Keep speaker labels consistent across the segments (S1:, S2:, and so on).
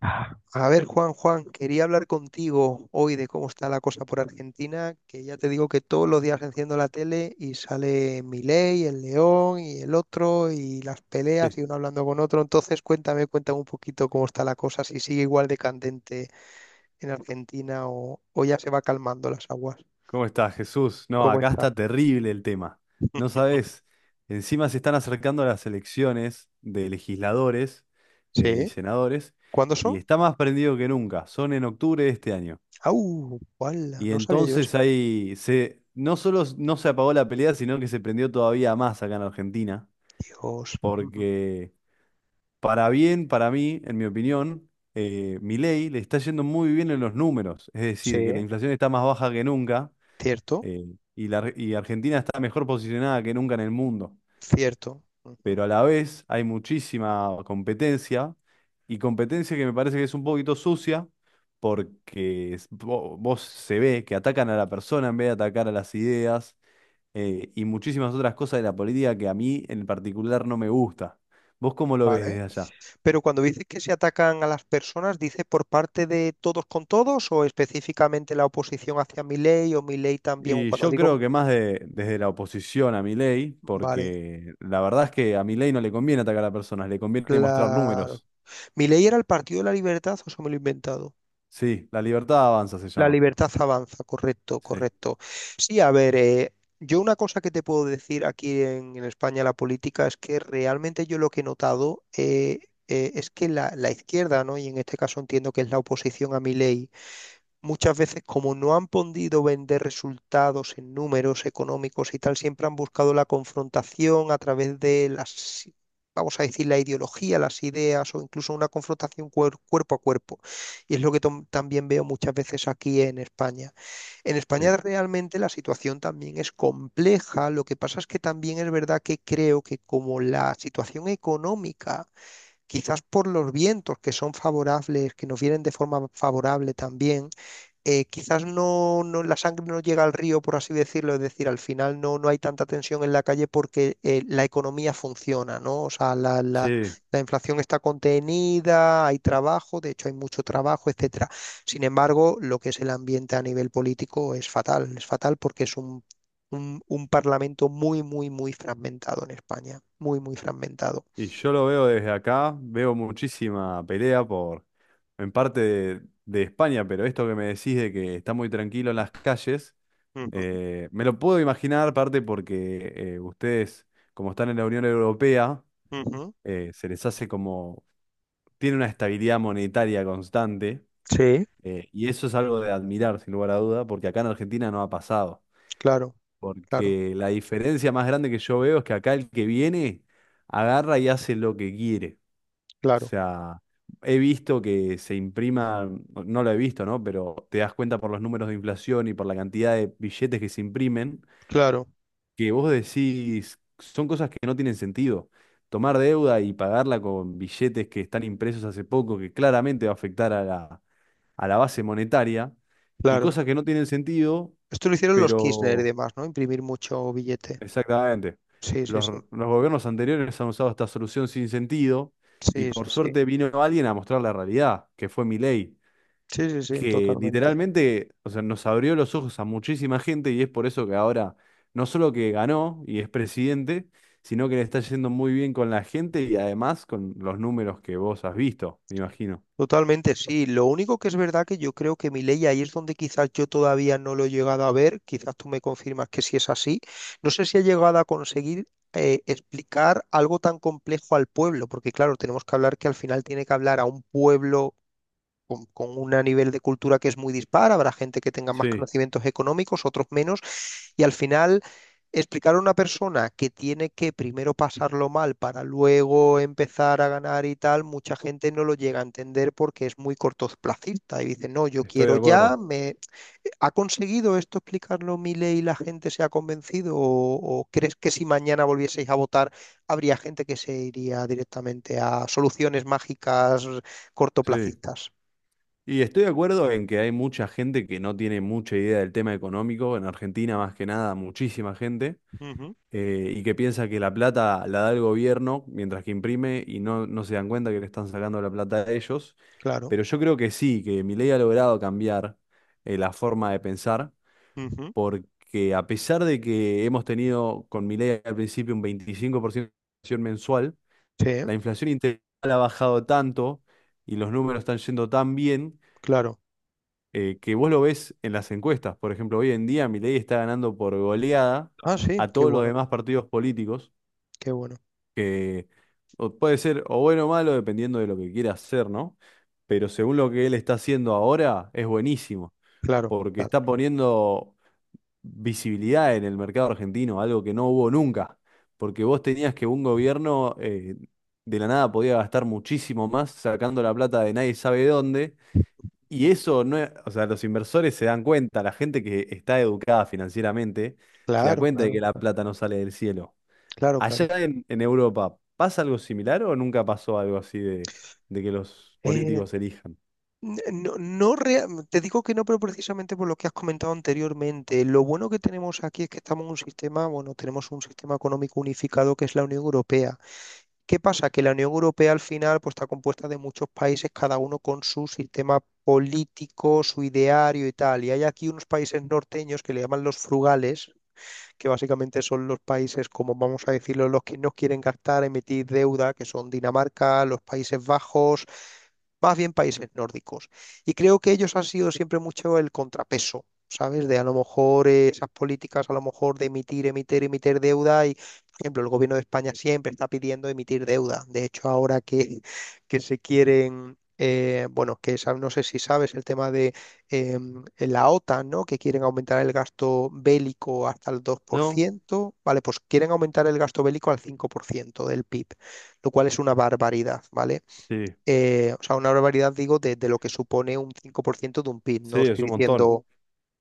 S1: A ver, Juan, Juan, quería hablar contigo hoy de cómo está la cosa por Argentina, que ya te digo que todos los días enciendo la tele y sale Milei, el León y el otro y las
S2: Eh,
S1: peleas y uno hablando con otro. Entonces, cuéntame un poquito cómo está la cosa, si sigue igual de candente en Argentina o ya se va calmando las aguas.
S2: ¿Cómo estás, Jesús? No,
S1: ¿Cómo
S2: acá
S1: está?
S2: está terrible el tema. No sabes, encima se están acercando las elecciones de legisladores y
S1: Sí.
S2: senadores
S1: ¿Cuándo
S2: y
S1: son?
S2: está más prendido que nunca. Son en octubre de este año.
S1: ¡Au! ¡Hala!
S2: Y
S1: No sabía yo eso.
S2: entonces no solo no se apagó la pelea, sino que se prendió todavía más acá en Argentina,
S1: Dios. Ujú.
S2: porque para bien, para mí, en mi opinión, Milei le está yendo muy bien en los números, es
S1: Sí.
S2: decir, que la inflación está más baja que nunca,
S1: Cierto,
S2: eh, y Argentina está mejor posicionada que nunca en el mundo,
S1: cierto. Ujú.
S2: pero a la vez hay muchísima competencia y competencia que me parece que es un poquito sucia, porque vos, se ve que atacan a la persona en vez de atacar a las ideas, y muchísimas otras cosas de la política que a mí en particular no me gusta. ¿Vos cómo lo ves
S1: Vale.
S2: desde allá?
S1: Pero cuando dices que se atacan a las personas, ¿dices por parte de todos con todos o específicamente la oposición hacia Milei o Milei también? O
S2: Y
S1: cuando
S2: yo creo
S1: digo,
S2: que más desde la oposición a Milei,
S1: vale,
S2: porque la verdad es que a Milei no le conviene atacar a personas, le conviene mostrar
S1: claro.
S2: números.
S1: ¿Milei era el Partido de la Libertad o se me lo he inventado?
S2: Sí, la libertad avanza se
S1: La
S2: llama.
S1: libertad avanza, correcto,
S2: Sí,
S1: correcto. Sí, a ver, yo una cosa que te puedo decir aquí en España, la política es que realmente yo lo que he notado es que la izquierda, ¿no? Y en este caso entiendo que es la oposición a Milei, muchas veces, como no han podido vender resultados en números económicos y tal, siempre han buscado la confrontación a través de las, vamos a decir, la ideología, las ideas o incluso una confrontación cuerpo a cuerpo. Y es lo que también veo muchas veces aquí en España. En
S2: sí.
S1: España realmente la situación también es compleja. Lo que pasa es que también es verdad que creo que, como la situación económica, quizás por los vientos que son favorables, que nos vienen de forma favorable también, quizás no, no, la sangre no llega al río, por así decirlo, es decir, al final no, no hay tanta tensión en la calle porque la economía funciona, ¿no? O sea,
S2: Sí.
S1: la inflación está contenida, hay trabajo, de hecho hay mucho trabajo, etcétera. Sin embargo, lo que es el ambiente a nivel político es fatal porque es un parlamento muy, muy, muy fragmentado en España, muy, muy fragmentado.
S2: Y yo lo veo desde acá, veo muchísima pelea por, en parte de España, pero esto que me decís de que está muy tranquilo en las calles,
S1: Ujú,
S2: me lo puedo imaginar, parte porque ustedes, como están en la Unión Europea,
S1: ujú.
S2: se les hace como, tiene una estabilidad monetaria constante,
S1: Sí,
S2: y eso es algo de admirar, sin lugar a duda, porque acá en Argentina no ha pasado,
S1: claro, claro,
S2: porque la diferencia más grande que yo veo es que acá el que viene agarra y hace lo que quiere. O
S1: claro,
S2: sea, he visto que se imprima, no lo he visto, ¿no? Pero te das cuenta por los números de inflación y por la cantidad de billetes que se imprimen,
S1: claro,
S2: que vos decís, son cosas que no tienen sentido. Tomar deuda y pagarla con billetes que están impresos hace poco, que claramente va a afectar a la base monetaria, y
S1: claro.
S2: cosas que no tienen sentido,
S1: Esto lo hicieron los Kirchner y
S2: pero
S1: demás, ¿no? Imprimir mucho billete.
S2: exactamente.
S1: Sí, sí, sí.
S2: Los gobiernos anteriores han usado esta solución sin sentido y
S1: Sí, sí,
S2: por
S1: sí.
S2: suerte vino alguien a mostrar la realidad, que fue Milei,
S1: Sí, sí, sí,
S2: que
S1: totalmente.
S2: literalmente, o sea, nos abrió los ojos a muchísima gente, y es por eso que ahora no solo que ganó y es presidente, sino que le está yendo muy bien con la gente y además con los números que vos has visto, me imagino.
S1: Totalmente, sí. Lo único que es verdad que yo creo que mi ley ahí es donde quizás yo todavía no lo he llegado a ver, quizás tú me confirmas que sí es así. No sé si ha llegado a conseguir explicar algo tan complejo al pueblo, porque claro, tenemos que hablar que al final tiene que hablar a un pueblo con un nivel de cultura que es muy dispar, habrá gente que tenga más
S2: Sí,
S1: conocimientos económicos, otros menos, y al final explicar a una persona que tiene que primero pasarlo mal para luego empezar a ganar y tal, mucha gente no lo llega a entender porque es muy cortoplacista y dice, no, yo
S2: estoy de
S1: quiero ya,
S2: acuerdo.
S1: me... ¿Ha conseguido esto explicarlo ley y la gente se ha convencido? O crees que si mañana volvieseis a votar habría gente que se iría directamente a soluciones mágicas
S2: Sí.
S1: cortoplacistas?
S2: Y estoy de acuerdo en que hay mucha gente que no tiene mucha idea del tema económico, en Argentina más que nada, muchísima gente,
S1: Ujú,
S2: y que piensa que la plata la da el gobierno mientras que imprime y no, no se dan cuenta que le están sacando la plata a ellos.
S1: claro,
S2: Pero yo creo que sí, que Milei ha logrado cambiar la forma de pensar,
S1: ujú.
S2: porque a pesar de que hemos tenido con Milei al principio un 25% de inflación mensual,
S1: Sí,
S2: la inflación integral ha bajado tanto y los números están yendo tan bien,
S1: claro.
S2: que vos lo ves en las encuestas. Por ejemplo, hoy en día Milei está ganando por goleada
S1: Ah, sí,
S2: a
S1: qué
S2: todos los
S1: bueno,
S2: demás partidos políticos,
S1: qué bueno.
S2: que o puede ser o bueno o malo dependiendo de lo que quiera hacer, ¿no? Pero según lo que él está haciendo ahora, es buenísimo,
S1: Claro,
S2: porque
S1: claro,
S2: está
S1: claro.
S2: poniendo visibilidad en el mercado argentino, algo que no hubo nunca, porque vos tenías que un gobierno, de la nada podía gastar muchísimo más sacando la plata de nadie sabe dónde, y eso no es, o sea, los inversores se dan cuenta, la gente que está educada financieramente se da
S1: Claro,
S2: cuenta de
S1: claro,
S2: que la
S1: claro,
S2: plata no sale del cielo.
S1: claro,
S2: Allá
S1: claro.
S2: en Europa, ¿pasa algo similar o nunca pasó algo así de que los
S1: Eh,
S2: políticos elijan?
S1: no, te digo que no, pero precisamente por lo que has comentado anteriormente. Lo bueno que tenemos aquí es que estamos en un sistema, bueno, tenemos un sistema económico unificado que es la Unión Europea. ¿Qué pasa? Que la Unión Europea al final, pues, está compuesta de muchos países, cada uno con su sistema político, su ideario y tal. Y hay aquí unos países norteños que le llaman los frugales, que básicamente son los países, como vamos a decirlo, los que no quieren gastar, emitir deuda, que son Dinamarca, los Países Bajos, más bien países nórdicos. Y creo que ellos han sido siempre mucho el contrapeso, ¿sabes? De, a lo mejor, esas políticas, a lo mejor de emitir deuda. Y, por ejemplo, el gobierno de España siempre está pidiendo emitir deuda. De hecho, ahora que se quieren... bueno, no sé si sabes el tema de la OTAN, ¿no? Que quieren aumentar el gasto bélico hasta el dos por
S2: No,
S1: ciento, ¿vale? Pues quieren aumentar el gasto bélico al 5% del PIB, lo cual es una barbaridad, ¿vale?
S2: sí,
S1: Eh, o sea, una barbaridad, digo, de lo que supone un 5% de un PIB.
S2: sí,
S1: No
S2: es
S1: estoy
S2: un montón,
S1: diciendo,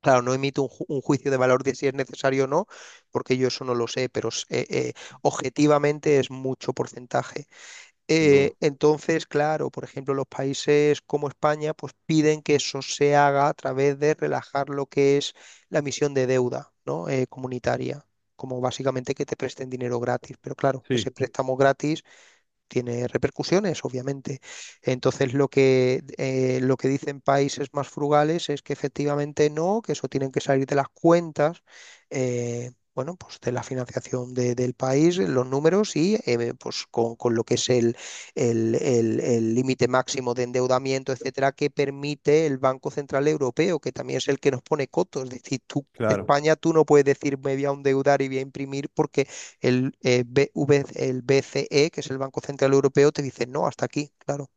S1: claro, no emito un, un juicio de valor de si es necesario o no, porque yo eso no lo sé, pero objetivamente es mucho porcentaje.
S2: sin duda.
S1: Entonces, claro, por ejemplo, los países como España pues piden que eso se haga a través de relajar lo que es la emisión de deuda, ¿no? Comunitaria. Como básicamente que te presten dinero gratis, pero claro,
S2: Sí,
S1: ese préstamo gratis tiene repercusiones, obviamente. Entonces, lo que dicen países más frugales es que efectivamente no, que eso tienen que salir de las cuentas, bueno, pues de la financiación del país, los números y, pues con lo que es el límite máximo de endeudamiento, etcétera, que permite el Banco Central Europeo, que también es el que nos pone cotos. Es decir, tú,
S2: claro.
S1: España, tú no puedes decir me voy a endeudar y voy a imprimir porque el, BV el BCE, que es el Banco Central Europeo, te dice, no, hasta aquí, claro.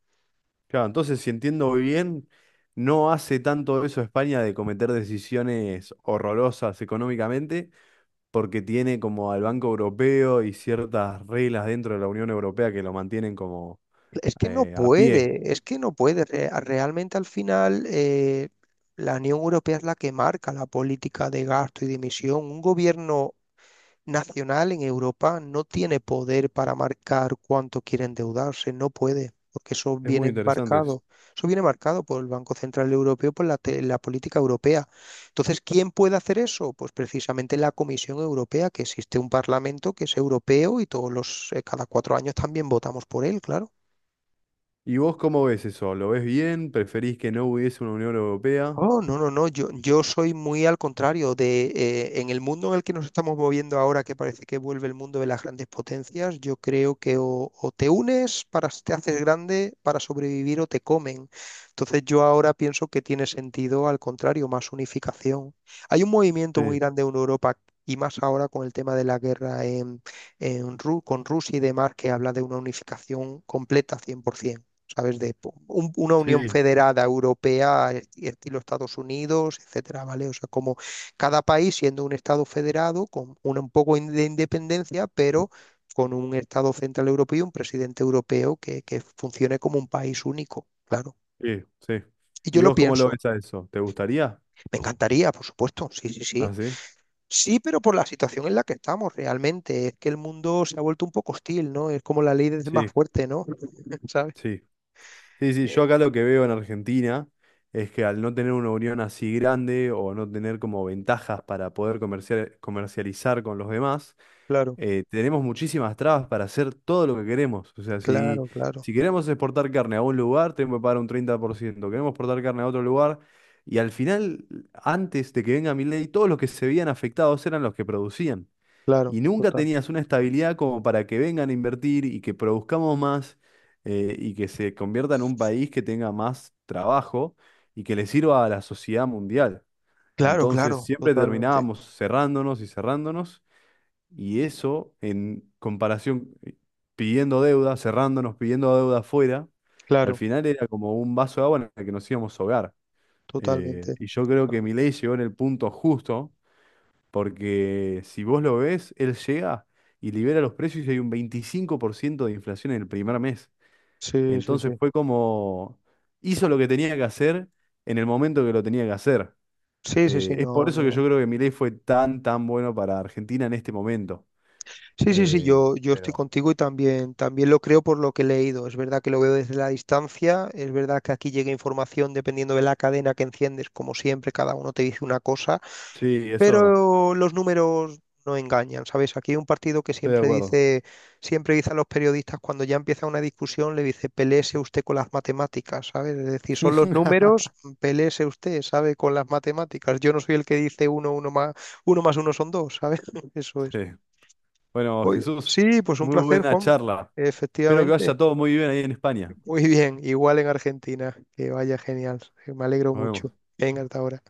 S2: Claro, entonces si entiendo bien, no hace tanto eso España de cometer decisiones horrorosas económicamente, porque tiene como al Banco Europeo y ciertas reglas dentro de la Unión Europea que lo mantienen como
S1: Es que no
S2: a pie.
S1: puede, es que no puede. Realmente al final, la Unión Europea es la que marca la política de gasto y de emisión. Un gobierno nacional en Europa no tiene poder para marcar cuánto quiere endeudarse, no puede, porque
S2: Es muy interesante eso.
S1: eso viene marcado por el Banco Central Europeo, por la política europea. Entonces, ¿quién puede hacer eso? Pues precisamente la Comisión Europea, que existe un parlamento que es europeo y todos los, cada cuatro años también votamos por él, claro.
S2: ¿Y vos cómo ves eso? ¿Lo ves bien? ¿Preferís que no hubiese una Unión Europea?
S1: Oh, no, no, no, yo soy muy al contrario de, en el mundo en el que nos estamos moviendo ahora, que parece que vuelve el mundo de las grandes potencias, yo creo que o te unes, para te haces grande para sobrevivir o te comen. Entonces yo ahora pienso que tiene sentido al contrario, más unificación. Hay un movimiento muy
S2: Sí,
S1: grande en Europa y más ahora con el tema de la guerra con Rusia y demás, que habla de una unificación completa 100%. ¿Sabes? De una Unión
S2: sí,
S1: Federada Europea, estilo Estados Unidos, etcétera, ¿vale? O sea, como cada país siendo un Estado federado, con un poco de independencia, pero con un Estado central europeo y un presidente europeo que funcione como un país único, claro.
S2: sí, sí.
S1: Y yo
S2: ¿Y
S1: lo
S2: vos cómo lo
S1: pienso,
S2: ves a eso? ¿Te gustaría?
S1: me encantaría, por supuesto, sí, sí,
S2: Ah,
S1: sí.
S2: sí,
S1: Sí, pero por la situación en la que estamos realmente, es que el mundo se ha vuelto un poco hostil, ¿no? Es como la ley del más
S2: sí,
S1: fuerte, ¿no? ¿Sabes?
S2: sí. Sí, sí, yo
S1: Eh,
S2: acá lo que veo en Argentina es que al no tener una unión así grande o no tener como ventajas para poder comercializar con los demás,
S1: Claro,
S2: tenemos muchísimas trabas para hacer todo lo que queremos. O sea,
S1: claro, claro,
S2: si queremos exportar carne a un lugar, tenemos que pagar un 30%. Queremos exportar carne a otro lugar. Y al final, antes de que venga mi ley, todos los que se veían afectados eran los que producían
S1: claro,
S2: y nunca
S1: total.
S2: tenías una estabilidad como para que vengan a invertir y que produzcamos más, y que se convierta en un país que tenga más trabajo y que le sirva a la sociedad mundial.
S1: Claro,
S2: Entonces
S1: claro,
S2: siempre
S1: totalmente,
S2: terminábamos cerrándonos y cerrándonos, y eso en comparación, pidiendo deuda, cerrándonos, pidiendo deuda afuera, al
S1: claro,
S2: final era como un vaso de agua en el que nos íbamos a ahogar.
S1: totalmente.
S2: Y yo creo que Milei llegó en el punto justo, porque si vos lo ves, él llega y libera los precios y hay un 25% de inflación en el primer mes.
S1: Sí, sí,
S2: Entonces
S1: sí.
S2: fue como hizo lo que tenía que hacer en el momento que lo tenía que hacer.
S1: Sí, sí, sí,
S2: Es por
S1: no,
S2: eso que
S1: no.
S2: yo creo que Milei fue tan, tan bueno para Argentina en este momento.
S1: Sí, sí, sí,
S2: Eh,
S1: yo estoy
S2: pero
S1: contigo y también lo creo por lo que he leído. Es verdad que lo veo desde la distancia, es verdad que aquí llega información dependiendo de la cadena que enciendes, como siempre, cada uno te dice una cosa.
S2: sí, eso es verdad.
S1: Pero los números no engañan, ¿sabes? Aquí hay un partido que
S2: Estoy de acuerdo.
S1: siempre dice a los periodistas cuando ya empieza una discusión, le dice, peléese usted con las matemáticas, ¿sabes? Es decir, son los números, peléese usted, ¿sabe? Con las matemáticas. Yo no soy el que dice uno, uno más uno son dos, ¿sabes? Eso
S2: Sí.
S1: es.
S2: Bueno,
S1: Oye,
S2: Jesús,
S1: sí, pues un
S2: muy
S1: placer,
S2: buena
S1: Juanma.
S2: charla. Espero que vaya
S1: Efectivamente.
S2: todo muy bien ahí en España.
S1: Muy bien, igual en Argentina. Que vaya genial. Me alegro
S2: Nos
S1: mucho.
S2: vemos.
S1: Venga, hasta ahora.